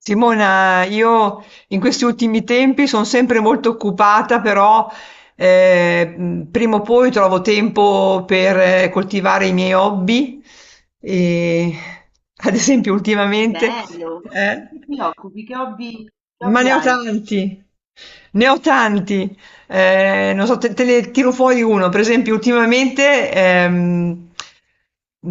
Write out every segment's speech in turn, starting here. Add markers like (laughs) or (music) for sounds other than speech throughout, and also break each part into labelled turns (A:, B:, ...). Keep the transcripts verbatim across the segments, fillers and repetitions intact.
A: Simona, io in questi ultimi tempi sono sempre molto occupata, però eh, mh, prima o poi trovo tempo per eh, coltivare i miei hobby. E, (laughs) ad esempio, ultimamente,
B: Bello! Di
A: eh?
B: che ti occupi? Che hobby, che
A: Ma
B: hobby
A: ne ho
B: hai?
A: tanti, ne ho tanti. Eh, non so, te, te ne tiro fuori uno. Per esempio, ultimamente ehm,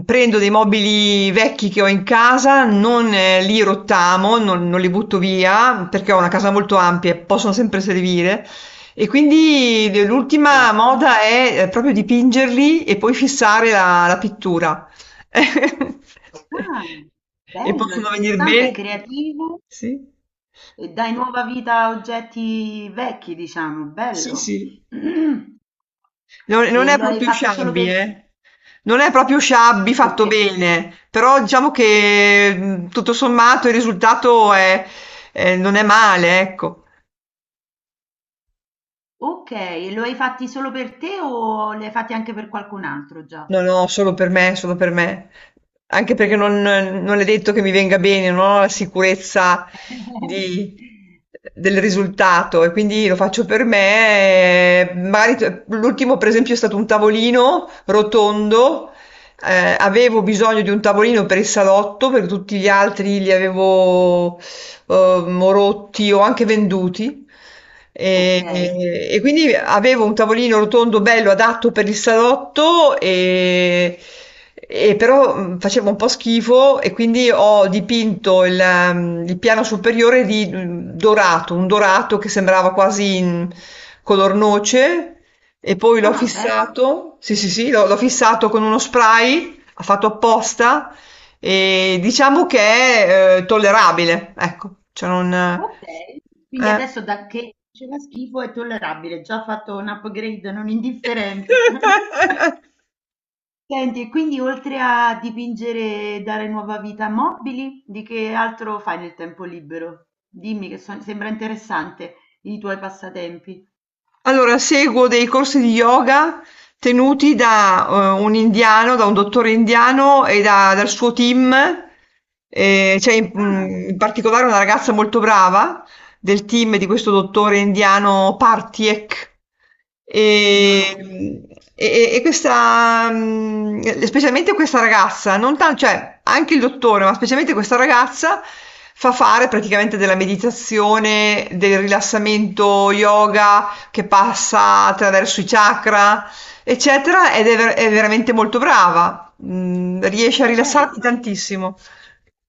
A: prendo dei mobili vecchi che ho in casa, non eh, li rottamo, non, non li butto via, perché ho una casa molto ampia e possono sempre servire. E quindi de- l'ultima
B: Certo.
A: moda è eh, proprio dipingerli e poi fissare la, la pittura. (laughs)
B: Ah,
A: E
B: bello,
A: possono venire
B: interessante, è
A: bene.
B: creativo
A: Sì.
B: e dai nuova vita a oggetti vecchi, diciamo,
A: Sì,
B: bello.
A: sì.
B: (clears throat)
A: Non
B: E
A: non è
B: lo hai
A: proprio
B: fatto solo
A: sciabbi,
B: per.
A: eh. Non è proprio sciabbi
B: Ok,
A: fatto bene, però diciamo che mh, tutto sommato il risultato è- è- non è male, ecco.
B: ok, e lo hai fatti solo per te o li hai fatti anche per qualcun altro già?
A: No, no, solo per me, solo per me. Anche perché non, non è detto che mi venga bene, non ho la sicurezza di-
B: (laughs)
A: del risultato e quindi lo faccio per me. E magari t- l'ultimo, per esempio, è stato un tavolino rotondo. eh, avevo bisogno di un tavolino per il salotto, perché tutti gli altri li avevo ehm, o rotti o anche venduti.
B: Ok.
A: E, e quindi avevo un tavolino rotondo bello adatto per il salotto e, e però mh, facevo un po' schifo e quindi ho dipinto il, ehm, il piano superiore di mh, dorato, un dorato che sembrava quasi in color noce e poi l'ho
B: Ah, bello.
A: fissato, sì sì sì, l'ho l'ho fissato con uno spray, ha fatto apposta e diciamo che è, ehm, tollerabile, ecco, cioè non
B: Okay, quindi
A: eh.
B: adesso da che faceva schifo è tollerabile, già ha fatto un upgrade non indifferente. (laughs)
A: (laughs)
B: Senti, e quindi oltre a dipingere e dare nuova vita a mobili, di che altro fai nel tempo libero? Dimmi che so sembra interessante i tuoi passatempi.
A: Allora, seguo dei corsi di yoga tenuti da eh, un indiano, da un dottore indiano e da- dal suo team. Eh, c'è in,
B: Ah,
A: mm, in particolare una ragazza molto brava del team di questo dottore indiano Partiek.
B: non lo
A: E, e- e questa, mm, specialmente questa ragazza, non tanto, cioè anche il dottore, ma specialmente questa ragazza fa fare praticamente della meditazione, del rilassamento yoga che passa attraverso i chakra, eccetera, ed è, ver- è veramente molto brava. Mm, riesce a
B: okay,
A: rilassarti
B: trovi
A: tantissimo.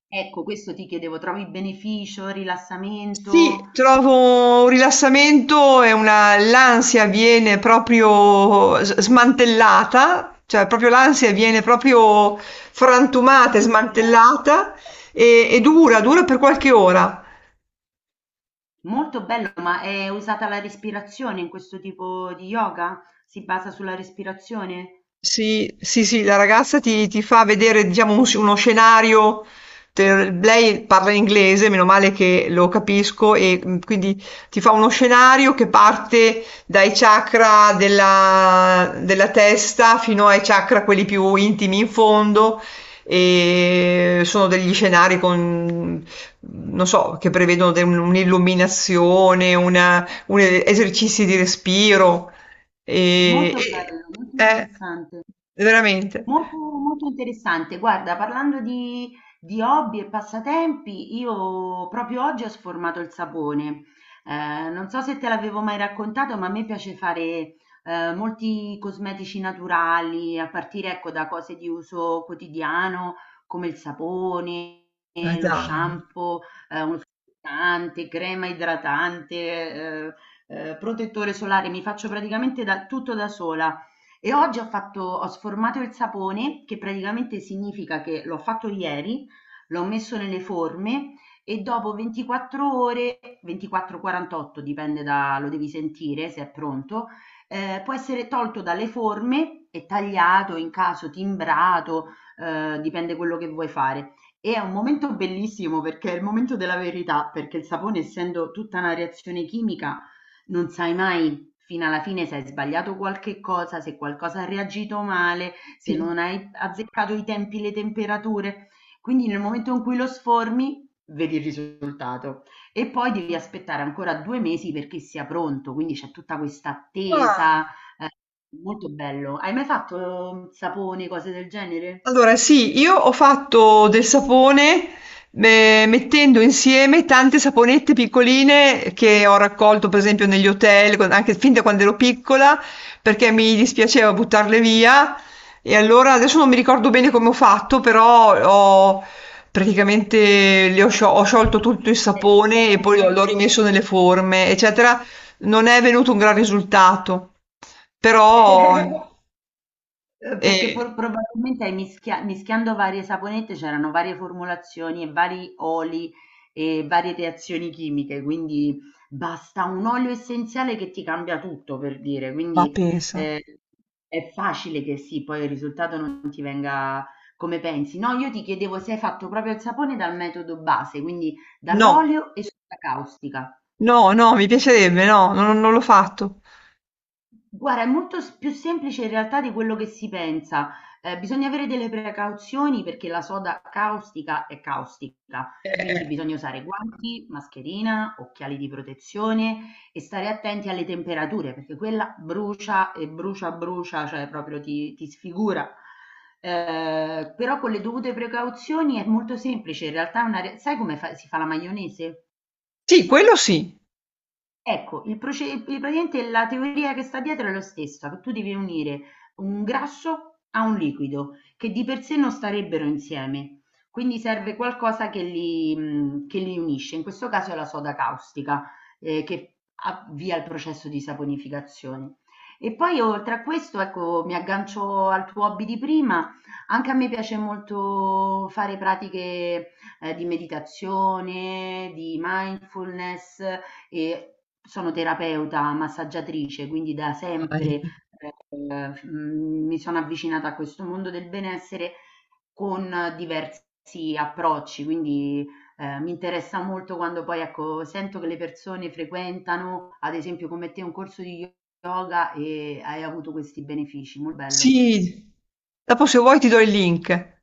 B: ecco questo ti chiedevo, trovi beneficio, rilassamento?
A: Sì, trovo un rilassamento e una, l'ansia viene proprio s- smantellata, cioè proprio l'ansia viene proprio frantumata e
B: Disintegrare.
A: smantellata e, e dura, dura per qualche ora.
B: Molto bello, ma è usata la respirazione in questo tipo di yoga? Si basa sulla respirazione?
A: Sì, sì, sì, la ragazza ti, ti fa vedere, diciamo, un- uno scenario. te- Lei parla inglese, meno male che lo capisco, e mm, quindi ti fa uno scenario che parte dai chakra della, della testa fino ai chakra, quelli più intimi in fondo, e sono degli scenari con, non so, che prevedono de- un'illuminazione, una, un esercizi di respiro. E,
B: Molto
A: e-
B: bello, molto
A: eh,
B: interessante.
A: veramente.
B: Molto, molto interessante. Guarda, parlando di, di hobby e passatempi, io proprio oggi ho sformato il sapone. Eh, non so se te l'avevo mai raccontato, ma a me piace fare eh, molti cosmetici naturali, a partire ecco, da cose di uso quotidiano come il sapone,
A: Ma
B: eh, lo
A: dai,
B: shampoo, eh, uno struccante, crema idratante, eh, eh, protettore solare. Mi faccio praticamente da, tutto da sola. E oggi ho fatto, ho sformato il sapone, che praticamente significa che l'ho fatto ieri, l'ho messo nelle forme e dopo ventiquattro ore, ventiquattro quarantotto dipende da, lo devi sentire se è pronto, eh, può essere tolto dalle forme e tagliato, in caso timbrato, eh, dipende quello che vuoi fare. E è un momento bellissimo perché è il momento della verità, perché il sapone, essendo tutta una reazione chimica, non sai mai fino alla fine se hai sbagliato qualche cosa, se qualcosa ha reagito male, se
A: sì.
B: non hai azzeccato i tempi, le temperature. Quindi nel momento in cui lo sformi, vedi il risultato e poi devi aspettare ancora due mesi perché sia pronto, quindi c'è tutta questa
A: Ah.
B: attesa. eh, Molto bello. Hai mai fatto sapone, cose del genere?
A: Allora, sì, io ho fatto del sapone eh, mettendo insieme tante saponette piccoline che ho raccolto, per esempio, negli hotel, con- anche fin da quando ero piccola, perché mi dispiaceva buttarle via. E allora adesso non mi ricordo bene come ho fatto, però ho praticamente le ho, scio- ho sciolto tutto il
B: Eh, fatti a
A: sapone e poi
B: bagnomaria.
A: l'ho rimesso nelle forme, eccetera. Non è venuto un gran risultato, però
B: (laughs) Uhm, perché for
A: eh,
B: probabilmente hai mischia mischiando varie saponette c'erano varie formulazioni e vari oli e varie reazioni chimiche, quindi basta un olio essenziale che ti cambia tutto, per dire.
A: ma
B: Quindi,
A: pensa.
B: ehm, è facile che sì, poi il risultato non ti venga come pensi. No, io ti chiedevo se hai fatto proprio il sapone dal metodo base, quindi
A: No,
B: dall'olio e soda caustica.
A: no, no, mi piacerebbe, no, non non l'ho fatto.
B: Guarda, è molto s più semplice in realtà di quello che si pensa. Ehm, bisogna avere delle precauzioni perché la soda caustica è caustica,
A: Eh,
B: quindi
A: eh.
B: bisogna usare guanti, mascherina, occhiali di protezione e stare attenti alle temperature perché quella brucia e brucia, brucia, cioè proprio ti ti sfigura. Ehm, però con le dovute precauzioni è molto semplice, in realtà è una re sai come fa si fa la maionese?
A: Sì, quello sì.
B: Ecco, il proce il- praticamente la teoria che sta dietro è lo stessa, che tu devi unire un grasso a un liquido, che di per sé non starebbero insieme, quindi serve qualcosa che li, mh, che li unisce, in questo caso è la soda caustica, eh, che avvia il processo di saponificazione. E poi oltre a questo, ecco, mi aggancio al tuo hobby di prima, anche a me piace molto fare pratiche eh, di meditazione, di mindfulness, e sono terapeuta, massaggiatrice, quindi da sempre
A: Vai.
B: eh, mh, mi sono avvicinata a questo mondo del benessere con diversi approcci, quindi eh, mi interessa molto quando poi ecco, sento che le persone frequentano, ad esempio come te, un corso di yoga e hai avuto questi benefici, molto bello.
A: Sì. Dopo se vuoi ti do il link.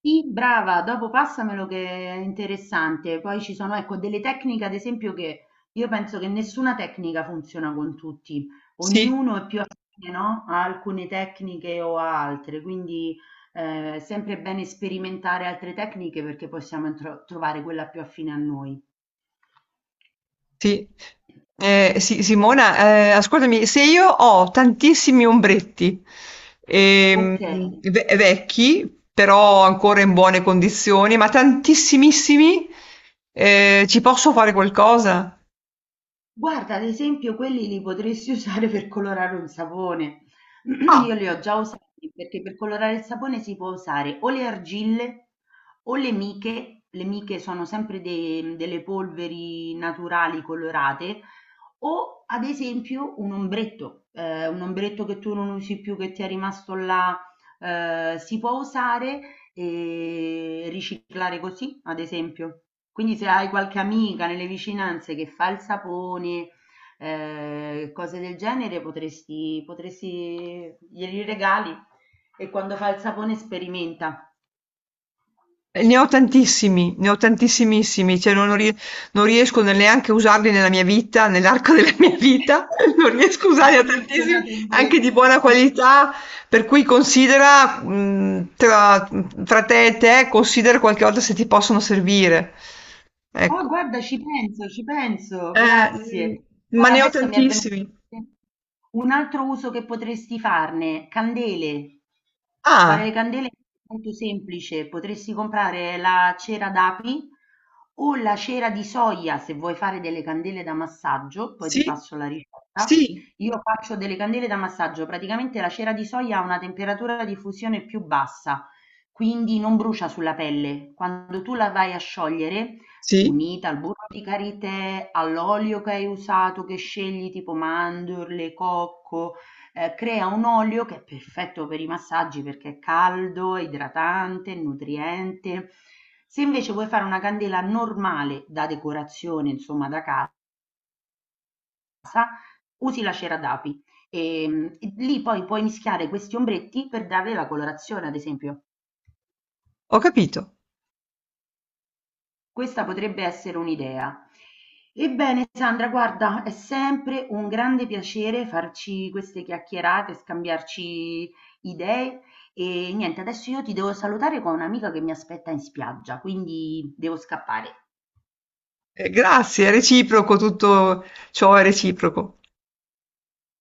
B: Sì, brava, dopo passamelo che è interessante. Poi ci sono, ecco, delle tecniche, ad esempio, che io penso che nessuna tecnica funziona con tutti,
A: Sì.
B: ognuno è più affine, no? A alcune tecniche o a altre, quindi eh, è sempre bene sperimentare altre tecniche perché possiamo intro- trovare quella più affine a noi.
A: Sì. Eh, Si- Simona, eh, ascoltami, se io ho tantissimi ombretti,
B: Ok.
A: ehm, ve- vecchi, però ancora in buone condizioni, ma tantissimissimi, eh, ci posso fare qualcosa?
B: Guarda, ad esempio, quelli li potresti (laughs) usare per colorare un sapone. (clears throat) Io
A: Ah.
B: li ho già usati perché per colorare il sapone si può usare o le argille o le miche. Le miche sono sempre de- delle polveri naturali colorate o ad esempio un ombretto, ehm, un ombretto che tu non usi più, che ti è rimasto là, ehm, si può usare e riciclare così, ad esempio. Quindi se hai qualche amica nelle vicinanze che fa il sapone, ehm, cose del genere, potresti potresti glieli regali e quando fa il sapone sperimenta.
A: Eh, ne ho tantissimi, ne ho tantissimissimi, cioè non, non rie- non riesco ne- neanche a usarli nella mia vita, nell'arco della (laughs) mia vita,
B: (laughs)
A: non riesco a
B: Hai
A: usarne tantissimi,
B: collezionato
A: anche di
B: ombretti.
A: buona qualità, per cui considera, mh, tra, tra te e te, considera qualche volta se ti possono servire.
B: Oh,
A: Ecco,
B: guarda, ci penso, ci penso,
A: eh,
B: grazie.
A: mh, ma
B: Guarda,
A: ne ho
B: adesso mi è venuto
A: tantissimi.
B: in mente un altro uso che potresti farne, candele. Fare le
A: Ah,
B: candele è molto semplice, potresti comprare la cera d'api o la cera di soia se vuoi fare delle candele da massaggio, poi ti
A: sì,
B: passo la ricetta.
A: sì,
B: Io faccio delle candele da massaggio, praticamente la cera di soia ha una temperatura di fusione più bassa, quindi non brucia sulla pelle. Quando tu la vai a sciogliere
A: sì,
B: unita al burro di karité, all'olio che hai usato, che scegli tipo mandorle, cocco, eh, crea un olio che è perfetto per i massaggi perché è caldo, idratante, nutriente. Se invece vuoi fare una candela normale da decorazione, insomma da casa, usi la cera d'api e, mm, e lì poi puoi mischiare questi ombretti per darle la colorazione, ad esempio.
A: ho capito.
B: Questa potrebbe essere un'idea. Ebbene, Sandra, guarda, è sempre un grande piacere farci queste chiacchierate, scambiarci idee. E niente, adesso io ti devo salutare con un'amica che mi aspetta in spiaggia, quindi devo scappare.
A: Eh, grazie, è reciproco, tutto ciò è reciproco.